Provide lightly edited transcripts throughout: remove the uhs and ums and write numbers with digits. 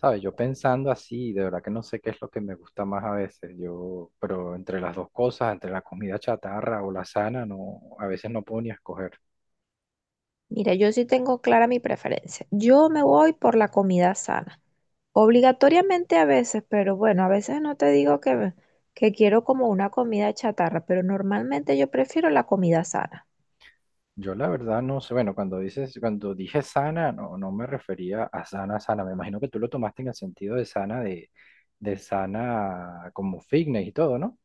¿Sabes? Yo pensando así, de verdad que no sé qué es lo que me gusta más a veces. Yo, pero entre las dos cosas, entre la comida chatarra o la sana, no, a veces no puedo ni escoger. Mira, yo sí tengo clara mi preferencia. Yo me voy por la comida sana. Obligatoriamente a veces, pero bueno, a veces no te digo que quiero como una comida chatarra, pero normalmente yo prefiero la comida sana. Yo la verdad no sé, bueno, cuando dije sana, no, no me refería a sana, sana. Me imagino que tú lo tomaste en el sentido de sana de sana como fitness y todo, ¿no?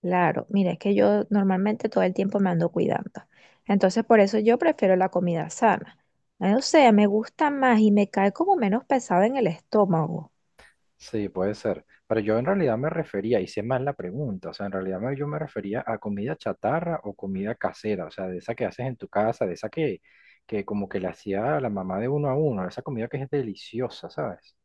Claro, mira, es que yo normalmente todo el tiempo me ando cuidando. Entonces, por eso yo prefiero la comida sana. O sea, me gusta más y me cae como menos pesado en el estómago. Sí, puede ser. Pero yo en realidad me refería, hice mal la pregunta, o sea, en realidad yo me refería a comida chatarra o comida casera, o sea, de esa que haces en tu casa, de esa que como que la hacía la mamá de uno a uno, esa comida que es deliciosa, ¿sabes?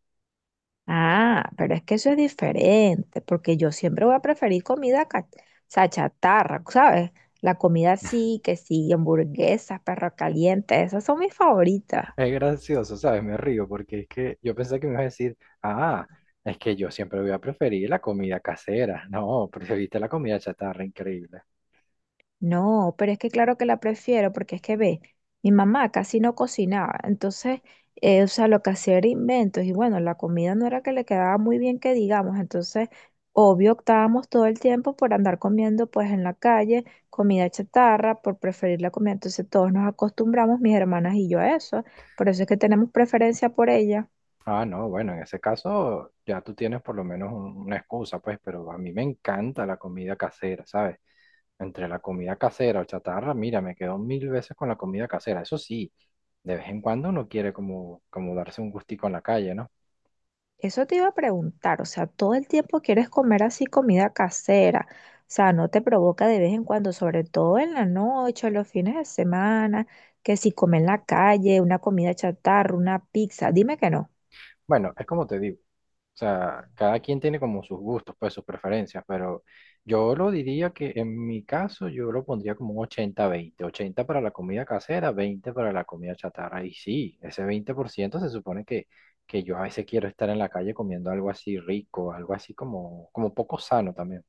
Ah, pero es que eso es diferente, porque yo siempre voy a preferir comida, o sea, chatarra, ¿sabes? La comida sí, que sí, hamburguesas, perro caliente, esas son mis favoritas. Es gracioso, ¿sabes? Me río porque es que yo pensé que me ibas a decir, ah, es que yo siempre voy a preferir la comida casera. No, preferiste la comida chatarra, increíble. No, pero es que claro que la prefiero porque es que ve, mi mamá casi no cocinaba, entonces, o sea, lo que hacía era inventos y bueno, la comida no era que le quedaba muy bien que digamos, entonces, obvio, optábamos todo el tiempo por andar comiendo pues en la calle, comida chatarra, por preferir la comida, entonces todos nos acostumbramos, mis hermanas y yo a eso, por eso es que tenemos preferencia por ella. Ah, no, bueno, en ese caso ya tú tienes por lo menos una excusa, pues, pero a mí me encanta la comida casera, ¿sabes? Entre la comida casera o chatarra, mira, me quedo mil veces con la comida casera. Eso sí, de vez en cuando uno quiere como darse un gustico en la calle, ¿no? Eso te iba a preguntar, o sea, todo el tiempo quieres comer así comida casera, o sea, no te provoca de vez en cuando, sobre todo en la noche, o los fines de semana, que si comes en la calle, una comida chatarra, una pizza, dime que no. Bueno, es como te digo. O sea, cada quien tiene como sus gustos, pues sus preferencias, pero yo lo diría que en mi caso yo lo pondría como un 80/20, 80 para la comida casera, 20 para la comida chatarra. Y sí, ese 20% se supone que yo a veces quiero estar en la calle comiendo algo así rico, algo así como, como poco sano también.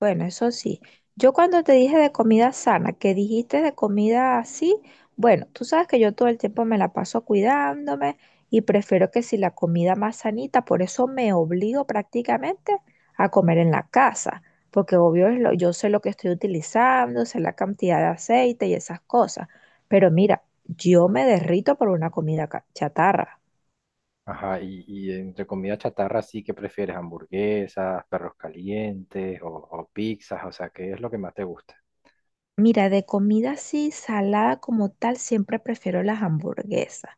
Bueno, eso sí. Yo cuando te dije de comida sana, que dijiste de comida así, bueno, tú sabes que yo todo el tiempo me la paso cuidándome y prefiero que si la comida más sanita, por eso me obligo prácticamente a comer en la casa, porque obvio es yo sé lo que estoy utilizando, sé la cantidad de aceite y esas cosas, pero mira, yo me derrito por una comida chatarra. Ajá, y entre comida chatarra, sí que prefieres hamburguesas, perros calientes o pizzas, o sea, ¿qué es lo que más te gusta? Mira, de comida así, salada como tal, siempre prefiero las hamburguesas.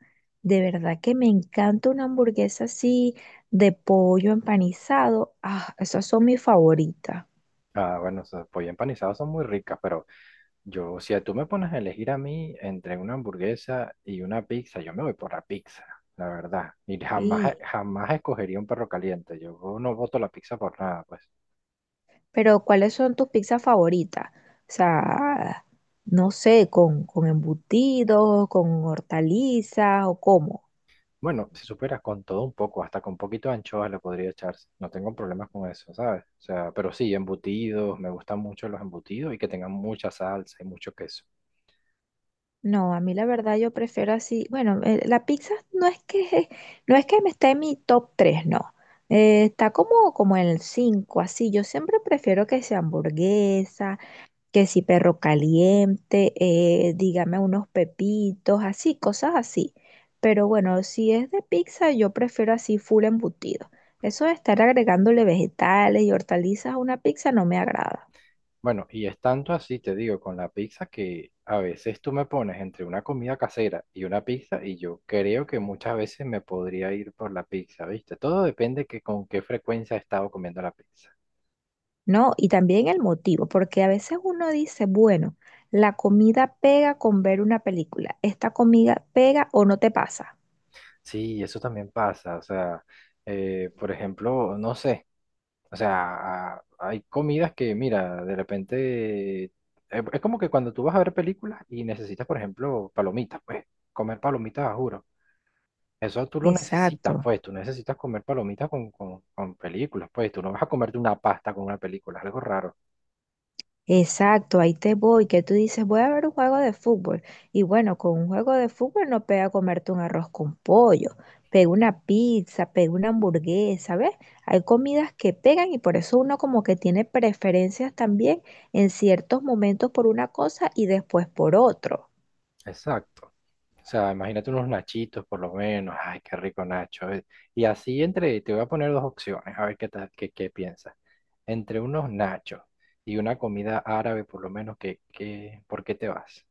De verdad que me encanta una hamburguesa así de pollo empanizado. Ah, esas son mis favoritas. Ah, bueno, o sea, pollo empanizado son muy ricas, pero yo, si tú me pones a elegir a mí entre una hamburguesa y una pizza, yo me voy por la pizza, la verdad. Y jamás, Sí. jamás escogería un perro caliente. Yo no voto la pizza por nada, pues. Pero ¿cuáles son tus pizzas favoritas? O sea, no sé, con embutidos, con hortalizas o cómo. Bueno, si superas con todo un poco, hasta con poquito de anchoas le podría echarse. No tengo problemas con eso, ¿sabes? O sea, pero sí, embutidos, me gustan mucho los embutidos y que tengan mucha salsa y mucho queso. No, a mí la verdad yo prefiero así. Bueno, la pizza no es que no es que me esté en mi top 3, no. Está como en el 5, así. Yo siempre prefiero que sea hamburguesa, que si perro caliente, dígame unos pepitos, así, cosas así. Pero bueno, si es de pizza, yo prefiero así full embutido. Eso de estar agregándole vegetales y hortalizas a una pizza no me agrada. Bueno, y es tanto así, te digo, con la pizza que a veces tú me pones entre una comida casera y una pizza y yo creo que muchas veces me podría ir por la pizza, ¿viste? Todo depende que con qué frecuencia he estado comiendo la pizza. No, y también el motivo, porque a veces uno dice, bueno, la comida pega con ver una película, esta comida pega o no te pasa. Sí, eso también pasa, o sea, por ejemplo, no sé, o sea, hay comidas que, mira, de repente, es como que cuando tú vas a ver películas y necesitas, por ejemplo, palomitas, pues comer palomitas, a juro. Eso tú lo necesitas, Exacto, pues, tú necesitas comer palomitas con películas, pues, tú no vas a comerte una pasta con una película, es algo raro. exacto, ahí te voy, que tú dices, voy a ver un juego de fútbol. Y bueno, con un juego de fútbol no pega comerte un arroz con pollo, pega una pizza, pega una hamburguesa, ¿ves? Hay comidas que pegan y por eso uno como que tiene preferencias también en ciertos momentos por una cosa y después por otro. Exacto. O sea, imagínate unos nachitos por lo menos, ay, qué rico Nacho. Y así entre, te voy a poner dos opciones, a ver qué piensas. Entre unos nachos y una comida árabe, por lo menos, ¿ por qué te vas?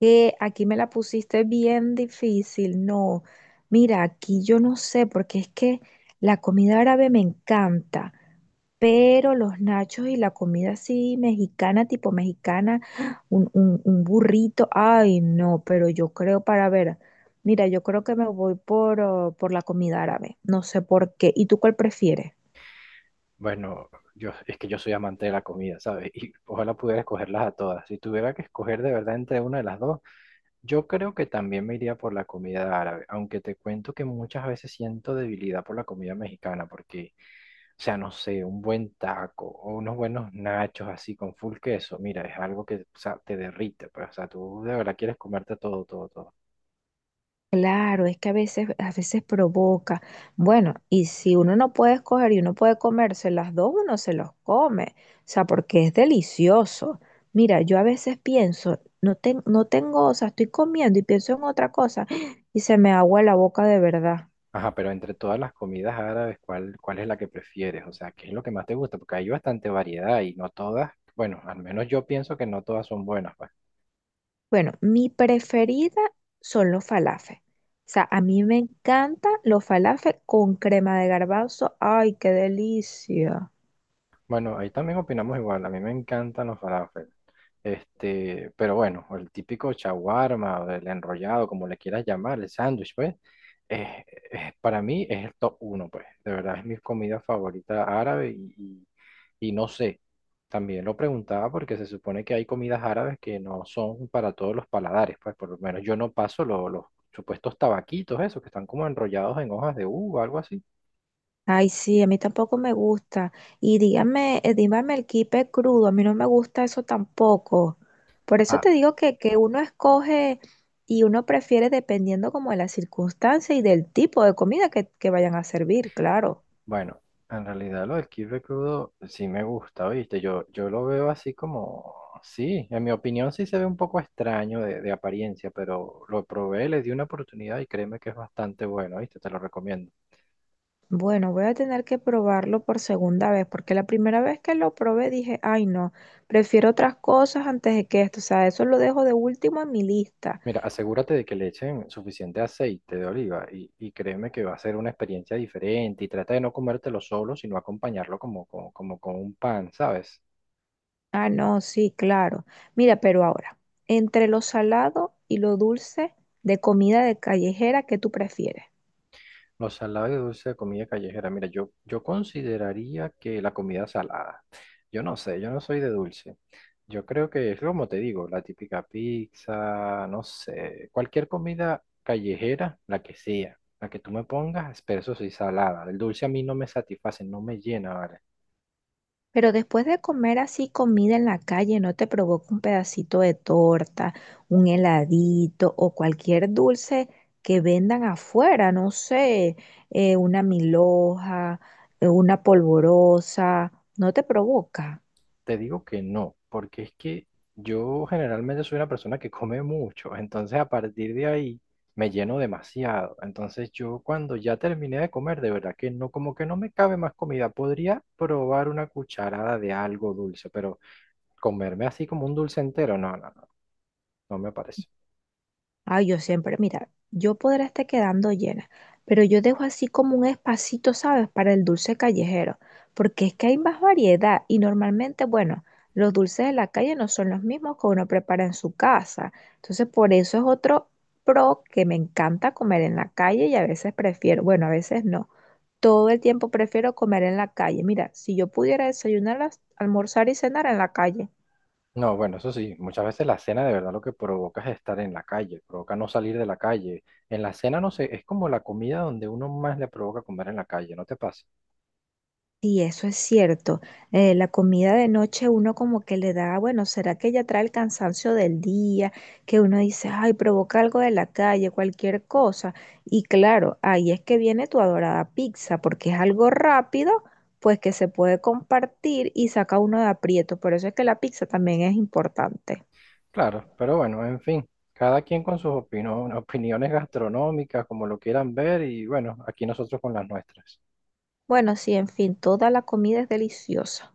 Que aquí me la pusiste bien difícil. No, mira, aquí yo no sé, porque es que la comida árabe me encanta, pero los nachos y la comida así mexicana, tipo mexicana, un burrito, ay, no, pero yo creo para ver, mira, yo creo que me voy por, oh, por la comida árabe, no sé por qué. ¿Y tú cuál prefieres? Bueno, yo, es que yo soy amante de la comida, ¿sabes? Y ojalá pudiera escogerlas a todas. Si tuviera que escoger de verdad entre una de las dos, yo creo que también me iría por la comida árabe, aunque te cuento que muchas veces siento debilidad por la comida mexicana, porque, o sea, no sé, un buen taco o unos buenos nachos así con full queso, mira, es algo que, o sea, te derrite, pues, o sea, tú de verdad quieres comerte todo, todo, todo. Claro, es que a veces provoca. Bueno, y si uno no puede escoger y uno puede comerse las dos, uno se los come. O sea, porque es delicioso. Mira, yo a veces pienso, no, no tengo, o sea, estoy comiendo y pienso en otra cosa y se me agua la boca de verdad. Ajá, pero entre todas las comidas árabes, ¿ cuál es la que prefieres? O sea, ¿qué es lo que más te gusta? Porque hay bastante variedad y no todas, bueno, al menos yo pienso que no todas son buenas. Pues. Bueno, mi preferida son los falafel. O sea, a mí me encantan los falafel con crema de garbanzo. ¡Ay, qué delicia! Bueno, ahí también opinamos igual. A mí me encantan los falafel. Este, pero bueno, el típico shawarma, o el enrollado, como le quieras llamar, el sándwich, pues, es- para mí es el top uno, pues. De verdad es mi comida favorita árabe y no sé. También lo preguntaba porque se supone que hay comidas árabes que no son para todos los paladares, pues por lo menos yo no paso los supuestos tabaquitos, esos que están como enrollados en hojas de uva, algo así. Ay, sí, a mí tampoco me gusta. Y dígame, dígame el kipe crudo, a mí no me gusta eso tampoco. Por eso te digo que uno escoge y uno prefiere dependiendo como de la circunstancia y del tipo de comida que vayan a servir, claro. Bueno, en realidad lo del kibe crudo sí me gusta, ¿viste? Yo lo veo así como, sí, en mi opinión sí se ve un poco extraño de apariencia, pero lo probé, le di una oportunidad y créeme que es bastante bueno, ¿viste? Te lo recomiendo. Bueno, voy a tener que probarlo por segunda vez, porque la primera vez que lo probé dije, ay no, prefiero otras cosas antes de que esto, o sea, eso lo dejo de último en mi lista. Mira, asegúrate de que le echen suficiente aceite de oliva y créeme que va a ser una experiencia diferente y trata de no comértelo solo, sino acompañarlo como con un pan, ¿sabes? Ah, no, sí, claro. Mira, pero ahora, entre lo salado y lo dulce de comida de callejera, ¿qué tú prefieres? Lo salado y dulce de comida callejera. Mira, yo consideraría que la comida salada. Yo no sé, yo no soy de dulce. Yo creo que es como te digo, la típica pizza, no sé, cualquier comida callejera, la que sea, la que tú me pongas, pero eso sí, salada. El dulce a mí no me satisface, no me llena, ¿vale? Pero después de comer así comida en la calle, ¿no te provoca un pedacito de torta, un heladito o cualquier dulce que vendan afuera? No sé, una milhoja, una polvorosa, ¿no te provoca? Te digo que no, porque es que yo generalmente soy una persona que come mucho, entonces a partir de ahí me lleno demasiado. Entonces yo cuando ya terminé de comer, de verdad que no, como que no me cabe más comida. Podría probar una cucharada de algo dulce, pero comerme así como un dulce entero, no, no, no, no me parece. Ay, yo siempre, mira, yo podré estar quedando llena, pero yo dejo así como un espacito, ¿sabes? Para el dulce callejero, porque es que hay más variedad y normalmente, bueno, los dulces de la calle no son los mismos que uno prepara en su casa. Entonces, por eso es otro pro que me encanta comer en la calle y a veces prefiero, bueno, a veces no. Todo el tiempo prefiero comer en la calle. Mira, si yo pudiera desayunar, almorzar y cenar en la calle. No, bueno, eso sí, muchas veces la cena de verdad lo que provoca es estar en la calle, provoca no salir de la calle. En la cena, no sé, es como la comida donde uno más le provoca comer en la calle, ¿no te pasa? Sí, eso es cierto. La comida de noche uno como que le da, bueno, ¿será que ya trae el cansancio del día? Que uno dice, ay, provoca algo de la calle, cualquier cosa. Y claro, ahí es que viene tu adorada pizza, porque es algo rápido, pues que se puede compartir y saca uno de aprieto. Por eso es que la pizza también es importante. Claro, pero bueno, en fin, cada quien con sus opiniones gastronómicas, como lo quieran ver, y bueno, aquí nosotros con las nuestras. Bueno, sí, en fin, toda la comida es deliciosa.